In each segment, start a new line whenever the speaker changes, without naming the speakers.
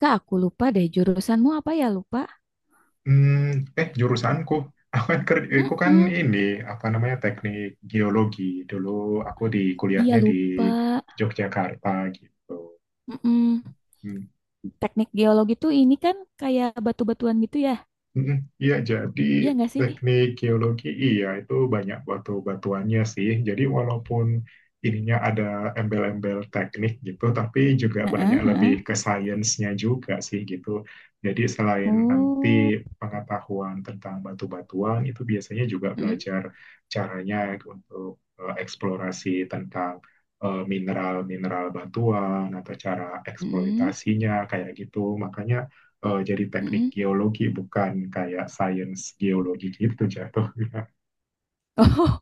Kak, aku lupa deh jurusanmu apa ya lupa?
Hmm, jurusanku, aku kan
Mm-mm.
ini apa namanya teknik geologi dulu aku di
Iya
kuliahnya di
lupa.
Yogyakarta gitu.
Mm-mm.
Hmm.
Teknik geologi tuh ini kan kayak batu-batuan gitu ya?
Mm, Iya, jadi
Iya nggak sih?
teknik geologi iya itu banyak batu-batuannya sih. Jadi walaupun ininya ada embel-embel teknik gitu, tapi juga
Heeh,
banyak lebih
heeh.
ke sainsnya juga sih gitu. Jadi selain nanti
Oh.
pengetahuan tentang batu-batuan itu biasanya juga
Mm,
belajar caranya untuk eksplorasi tentang mineral-mineral batuan atau cara
mm,
eksploitasinya kayak gitu. Makanya jadi teknik
mm.
geologi bukan kayak sains geologi gitu jatuh.
Oh,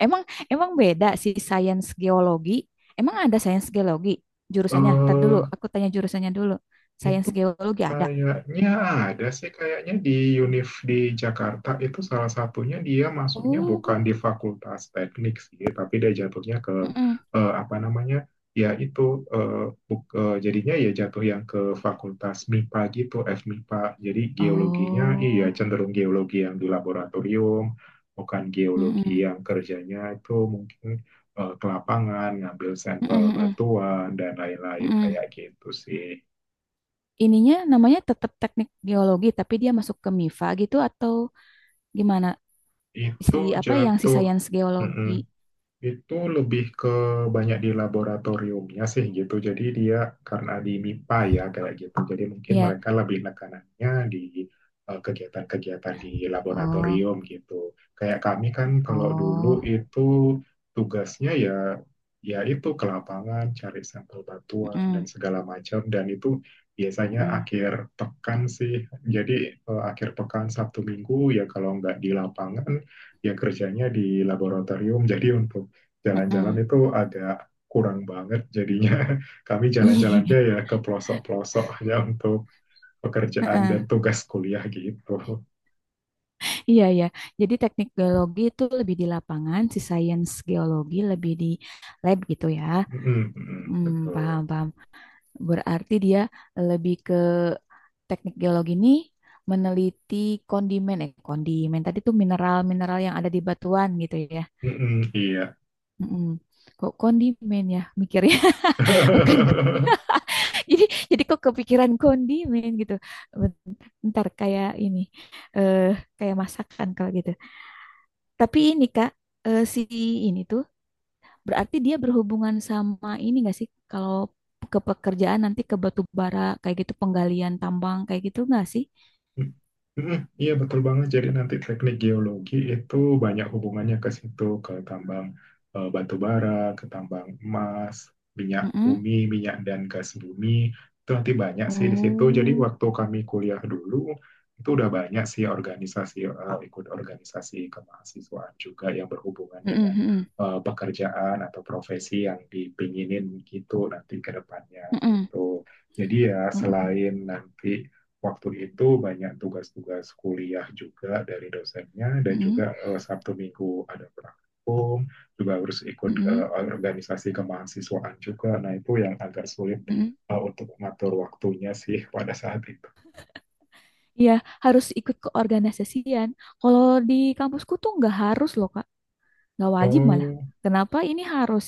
emang emang beda sih sains geologi. Emang ada sains geologi jurusannya? Ntar dulu,
eh
aku tanya jurusannya dulu. Sains
itu
geologi ada.
kayaknya ada sih, kayaknya di UNIF di Jakarta itu salah satunya dia masuknya bukan di
Oh,
Fakultas Teknik sih, tapi dia jatuhnya ke
mm-mm.
apa namanya? Ya itu eh, jadinya ya jatuh yang ke Fakultas MIPA gitu, FMIPA. Jadi geologinya iya
Oh,
cenderung geologi yang di laboratorium, bukan geologi
mm-mm.
yang kerjanya itu mungkin ke lapangan, ngambil
Mm-mm,
sampel
mm-mm,
batuan dan lain-lain
mm-mm.
kayak gitu sih.
Ininya namanya tetap teknik geologi, tapi dia masuk ke MIFA gitu atau gimana?
Itu
Si apa yang si
jatuh.
sains
Mm-mm.
geologi?
Itu lebih ke banyak di laboratoriumnya sih gitu. Jadi dia karena di MIPA ya kayak gitu. Jadi mungkin
Iya.
mereka lebih nekanannya di kegiatan-kegiatan di
Oh,
laboratorium gitu. Kayak kami kan kalau dulu
oh.
itu tugasnya ya itu ke lapangan cari sampel batuan dan
Mm-mm,
segala macam dan itu biasanya
mm-mm,
akhir pekan sih. Jadi akhir pekan Sabtu Minggu ya kalau nggak di lapangan ya kerjanya di laboratorium. Jadi untuk jalan-jalan
mm-mm.
itu agak kurang banget jadinya kami jalan-jalannya
Iya,
ya ke pelosok-pelosok ya untuk pekerjaan
heeh.
dan tugas kuliah gitu.
Iya. Iya. Jadi teknik geologi itu lebih di lapangan, si sains geologi lebih di lab gitu ya.
Mm-mm,
Hmm, paham,
betul.
paham. Berarti dia lebih ke teknik geologi ini meneliti kondimen, kondimen tadi tuh mineral-mineral yang ada di batuan gitu ya.
Mm-mm, iya.
Mm-mm. Kok kondimen ya mikirnya bukan kondimen. Jadi jadi kok kepikiran kondimen gitu. Bent- Bentar kayak ini eh kayak masakan kalau gitu. Tapi ini Kak, si ini tuh berarti dia berhubungan sama ini nggak sih kalau ke pekerjaan nanti ke batu bara kayak gitu penggalian tambang kayak gitu nggak sih?
Mm, Iya betul banget. Jadi nanti teknik geologi itu banyak hubungannya ke situ, ke tambang batu bara, ke tambang emas, minyak
Mm-mm.
bumi, minyak dan gas bumi. Itu nanti banyak sih di situ. Jadi
Oh.
waktu kami kuliah dulu itu udah banyak sih organisasi ikut organisasi kemahasiswaan juga yang berhubungan
Mm-mm,
dengan
mm-mm,
pekerjaan atau profesi yang dipinginin gitu nanti ke depannya
mm-mm,
gitu. Jadi ya selain nanti waktu itu banyak tugas-tugas kuliah juga dari dosennya dan
mm-mm, mm-mm,
juga Sabtu Minggu ada praktikum juga harus ikut
mm-mm,
organisasi kemahasiswaan juga nah itu yang agak sulit
mm-mm.
untuk mengatur waktunya sih pada saat itu.
Iya, harus ikut keorganisasian. Kalau di kampusku tuh nggak harus loh, Kak. Nggak wajib malah.
Oh,
Kenapa ini harus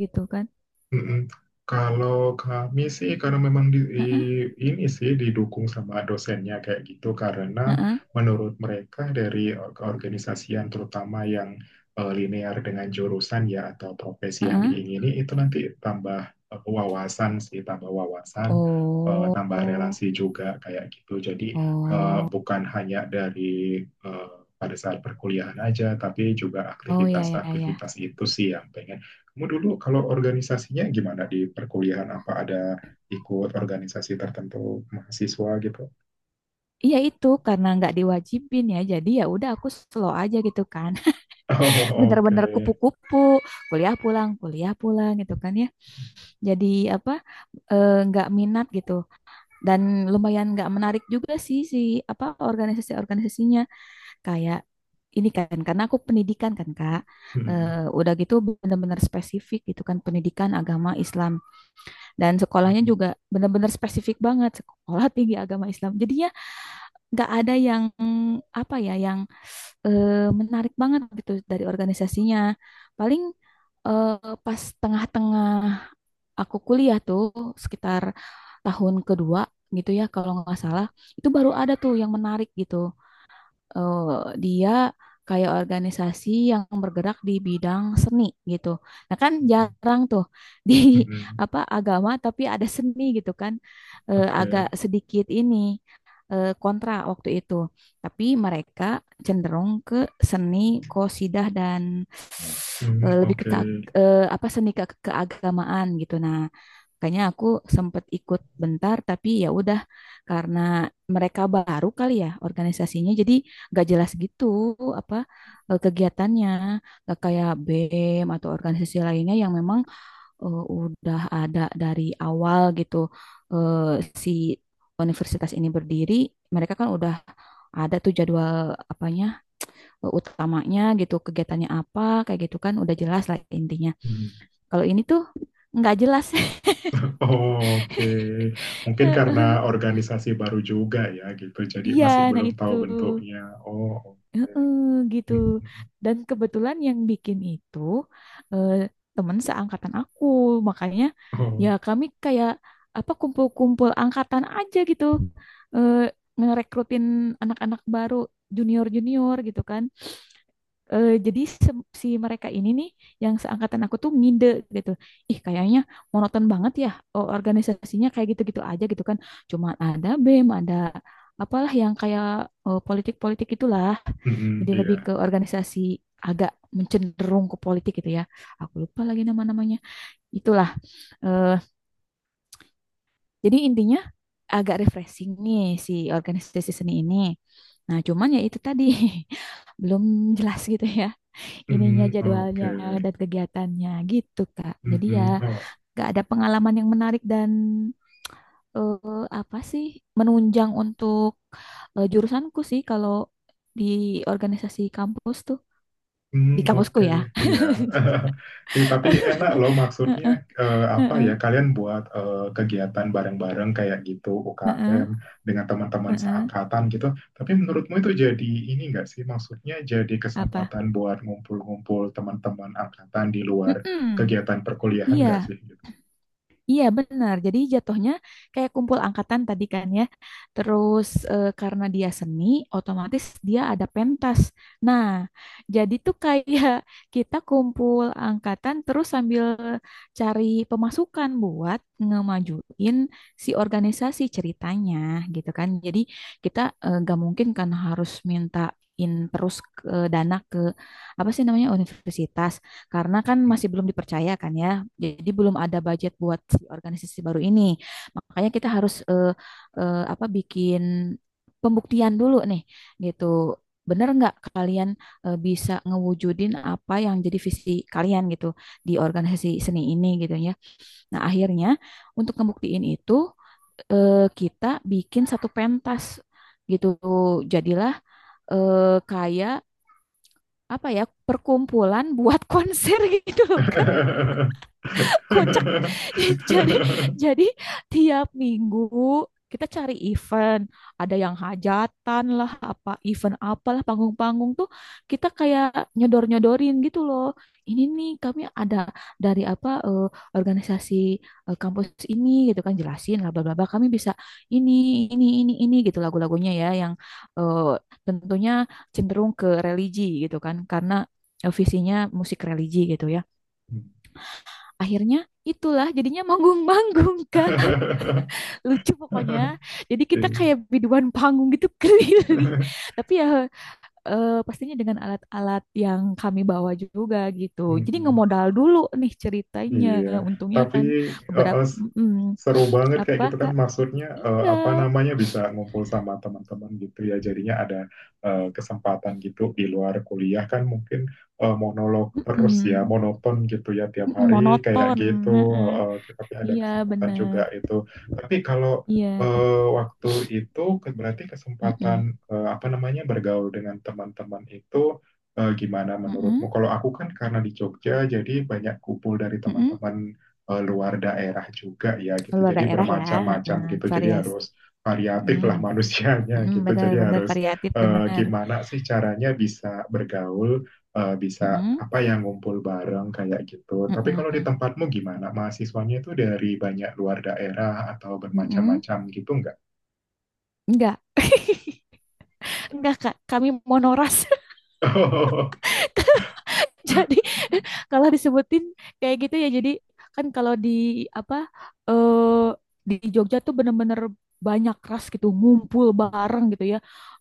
gitu kan?
mm-mm. Kalau kami sih karena memang
Heeh,
ini sih didukung sama dosennya kayak gitu karena
heeh,
menurut mereka dari keorganisasian terutama yang linear dengan jurusan ya atau profesi yang
heeh.
diingini itu nanti tambah wawasan sih tambah wawasan tambah
Oh,
relasi juga kayak gitu jadi
oh,
bukan hanya dari eh, pada saat perkuliahan aja tapi juga
oh ya ya ya.
aktivitas-aktivitas itu sih yang pengen kamu dulu kalau organisasinya gimana di perkuliahan? Apa ada ikut organisasi tertentu mahasiswa gitu?
Iya itu karena nggak diwajibin ya. Jadi ya udah aku slow aja gitu kan.
Oh, oke.
Bener-bener kupu-kupu, kuliah pulang gitu kan ya. Jadi apa? Nggak minat gitu. Dan lumayan nggak menarik juga sih, si apa organisasi-organisasinya kayak ini kan karena aku pendidikan kan Kak.
Hmm.
Udah gitu benar-benar spesifik gitu kan pendidikan agama Islam dan sekolahnya juga benar-benar spesifik banget sekolah tinggi agama Islam jadinya nggak ada yang apa ya yang menarik banget gitu dari organisasinya, paling pas tengah-tengah aku kuliah tuh sekitar tahun kedua gitu ya kalau nggak salah, itu baru ada tuh yang menarik gitu, eh, dia kayak organisasi yang bergerak di bidang seni gitu. Nah kan jarang tuh di
Hmm.
apa agama tapi ada seni gitu kan. Agak
Oke.
sedikit ini kontra waktu itu. Tapi mereka cenderung ke seni qosidah dan
Hmm,
lebih ke,
oke.
apa seni ke keagamaan gitu. Nah, kayaknya aku sempat ikut bentar tapi ya udah karena mereka baru kali ya organisasinya jadi gak jelas gitu apa kegiatannya, gak kayak BEM atau organisasi lainnya yang memang udah ada dari awal gitu. Si universitas ini berdiri mereka kan udah ada tuh jadwal apanya utamanya gitu, kegiatannya apa, kayak gitu kan udah jelas lah intinya.
Hmm.
Kalau ini tuh nggak jelas.
Oh, oke, mungkin karena organisasi baru juga ya gitu, jadi
Iya,
masih
nah
belum
itu.
tahu bentuknya. Oh, oke.
Heeh, gitu.
Hmm, hmm.
Dan kebetulan yang bikin itu eh, temen seangkatan aku. Makanya
Oh,
ya kami kayak apa kumpul-kumpul angkatan aja gitu. Eh, Ngerekrutin anak-anak baru, junior-junior gitu kan. Jadi si mereka ini nih yang seangkatan aku tuh ngide gitu. Ih kayaknya monoton banget ya organisasinya kayak gitu-gitu aja gitu kan. Cuma ada BEM, ada apalah yang kayak politik-politik itulah.
hmm, hmm,
Jadi
iya.
lebih ke organisasi agak mencenderung ke politik gitu ya. Aku lupa lagi nama-namanya. Itulah. eh, jadi intinya agak refreshing nih si organisasi seni ini. Nah, cuman ya itu tadi belum jelas gitu ya ininya
Hmm,
jadwalnya
oke.
dan kegiatannya gitu Kak.
Hmm,
Jadi ya
hmm. Oh,
nggak ada pengalaman yang menarik dan apa sih menunjang untuk jurusanku sih kalau di organisasi kampus tuh
hmm,
di kampusku
oke,
ya.
iya. Ih, tapi enak loh maksudnya
Heeh,
apa
heeh,
ya? Kalian buat kegiatan bareng-bareng kayak gitu UKM dengan teman-teman
heeh.
seangkatan gitu. Tapi menurutmu itu jadi ini nggak sih? Maksudnya jadi
Apa?
kesempatan buat ngumpul-ngumpul teman-teman angkatan di luar
Mm-mm.
kegiatan perkuliahan nggak
Iya,
sih? Gitu.
iya benar. Jadi jatuhnya kayak kumpul angkatan tadi kan ya. Terus karena dia seni, otomatis dia ada pentas. Nah, jadi tuh kayak kita kumpul angkatan terus sambil cari pemasukan buat ngemajuin si organisasi ceritanya gitu kan. Jadi kita, gak mungkin kan harus mintain terus ke dana ke apa sih namanya universitas. Karena kan
Hmm.
masih belum dipercaya kan ya. Jadi belum ada budget buat si organisasi baru ini. Makanya kita harus, apa, bikin pembuktian dulu nih gitu. Bener nggak kalian bisa ngewujudin apa yang jadi visi kalian gitu di organisasi seni ini gitu ya. Nah, akhirnya untuk ngebuktiin itu kita bikin satu pentas gitu. Jadilah kayak apa ya perkumpulan buat konser gitu loh Kak. Kocak. jadi jadi tiap minggu kita cari event, ada yang hajatan lah apa event apalah panggung-panggung tuh, kita kayak nyodor-nyodorin gitu loh, ini nih kami ada dari apa organisasi kampus ini gitu kan, jelasin lah bla bla bla kami bisa ini ini gitu, lagu-lagunya ya yang eh, tentunya cenderung ke religi gitu kan karena visinya musik religi gitu ya,
Hmm.
akhirnya itulah jadinya manggung-manggung Kak. Lucu pokoknya. Jadi kita kayak
Iya.
biduan panggung gitu keliling. Tapi ya pastinya dengan alat-alat yang kami bawa juga gitu. Jadi
Hmm.
ngemodal dulu nih ceritanya.
Iya,
Untungnya
tapi
kan
eh,
beberapa
eh, s-
mm,
seru banget kayak
apa
gitu kan
Kak?
maksudnya
Iya.
apa namanya bisa ngumpul sama teman-teman gitu ya. Jadinya ada kesempatan gitu di luar kuliah kan mungkin monolog terus ya,
Mm-mm,
monoton gitu ya tiap
mm-mm,
hari kayak
monoton.
gitu.
Heeh.
Tapi ada
Iya
kesempatan juga
benar.
itu. Tapi kalau
Iya.
waktu itu berarti kesempatan
Mm-mm,
apa namanya bergaul dengan teman-teman itu gimana menurutmu?
mm-mm,
Kalau aku kan karena di Jogja, jadi banyak kumpul dari
mm-mm.
teman-teman luar daerah juga ya gitu.
Luar
Jadi
daerah ya.
bermacam-macam
Heeh,
gitu. Jadi
Varias.
harus variatif
Mm.
lah manusianya
Mm-mm,
gitu.
benar,
Jadi
benar
harus
variatif, benar.
gimana sih caranya bisa bergaul, bisa
Mm-mm,
apa yang ngumpul bareng kayak gitu. Tapi kalau di
mm-mm,
tempatmu gimana? Mahasiswanya itu dari banyak luar daerah atau
mm-mm.
bermacam-macam gitu nggak?
Enggak, enggak Kak, kami monoras. Jadi kalau disebutin kayak gitu ya, jadi kan kalau di apa eh di Jogja tuh bener-bener banyak ras gitu ngumpul bareng gitu ya,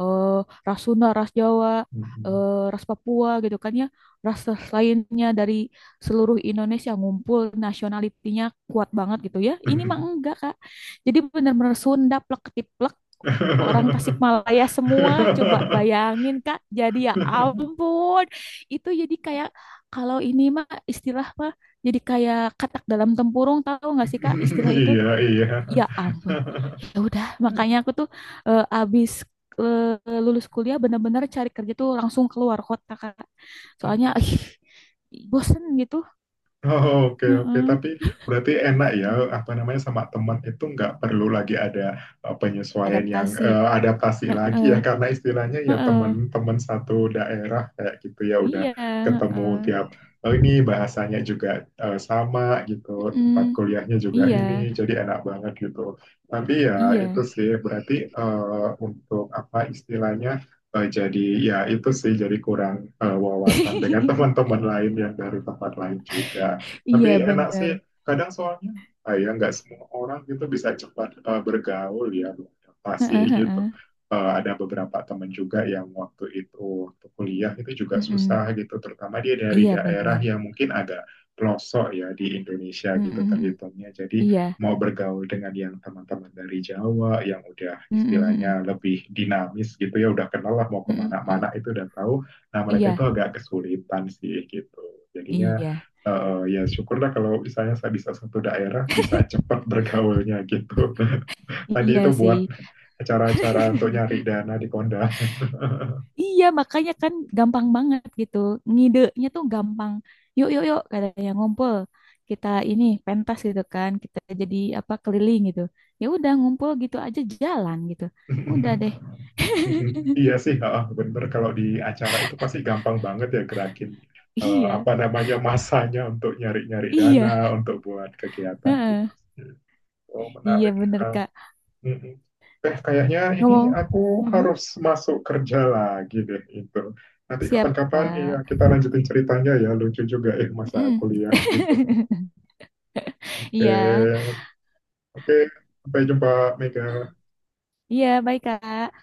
eh ras Sunda, ras Jawa, ras Papua gitu kan ya, ras lainnya dari seluruh Indonesia ngumpul, nasionalitinya kuat banget gitu ya. Ini mah enggak Kak, jadi bener-bener Sunda plek ketiplek, orang Tasikmalaya semua, coba bayangin Kak, jadi ya ampun. Itu jadi kayak, kalau ini mah istilah mah, jadi kayak katak dalam tempurung, tahu nggak sih Kak istilah itu.
Iya, iya.
Ya ampun. Ya udah, makanya aku tuh abis lulus kuliah bener-bener cari kerja tuh langsung keluar kota Kak, soalnya ih, bosen gitu.
Oh, oke, oke.
Heeh.
Tapi berarti enak ya, apa namanya, sama teman itu nggak perlu lagi ada penyesuaian yang
Adaptasi.
adaptasi lagi ya,
Heeh.
karena istilahnya ya
Heeh.
teman-teman satu daerah kayak gitu ya, udah
Iya,
ketemu
heeh.
tiap, oh ini bahasanya juga sama gitu,
Mm-mm.
tempat kuliahnya juga
Iya,
ini, jadi enak banget gitu. Tapi ya itu
iya.
sih, berarti untuk apa istilahnya, eh, jadi ya itu sih jadi kurang wawasan dengan teman-teman lain yang dari tempat lain juga.
Iya
Tapi enak
bener.
sih kadang soalnya ya nggak semua orang gitu bisa cepat bergaul ya beradaptasi
Heeh,
gitu.
heeh.
Eh, ada beberapa teman juga yang waktu kuliah itu juga
Mm-mm.
susah gitu, terutama dia dari
Iya
daerah
bener.
yang mungkin agak pelosok ya di Indonesia
Mhm,
gitu
mhm.
terhitungnya. Jadi
Iya.
mau bergaul dengan yang teman-teman dari Jawa yang udah
Mhm, mhm.
istilahnya lebih dinamis gitu ya udah kenal lah mau
Mhm, mhm.
kemana-mana itu udah tahu nah mereka itu
Iya,
agak kesulitan sih gitu jadinya
iya.
ya syukurlah kalau misalnya saya bisa satu daerah bisa cepat bergaulnya gitu tadi
Iya
itu
sih.
buat acara-acara untuk nyari dana di kondangan
Iya, makanya kan gampang banget gitu. Ngidenya tuh gampang. Yuk, yuk, yuk, katanya ngumpul. Kita ini pentas gitu kan. Kita jadi apa keliling gitu. Ya udah ngumpul gitu aja jalan gitu. Udah deh.
Mhm. Iya sih, heeh, bener. Kalau di acara itu pasti gampang banget ya gerakin
Iya,
apa namanya masanya untuk nyari-nyari dana
iya.
untuk buat kegiatan gitu.
Heeh.
Oh,
Iya
menarik.
bener
Eh,
Kak.
mm-mm. Eh, kayaknya ini
Ngomong.
aku
Mm-mm.
harus masuk kerja lagi deh itu. Nanti
Siap
kapan-kapan ya
Kak.
kita lanjutin ceritanya ya. Lucu juga ya masa
Mm-mm.
kuliah gitu. Oke,
Iya,
oke. Sampai jumpa, Mega.
iya baik Kak.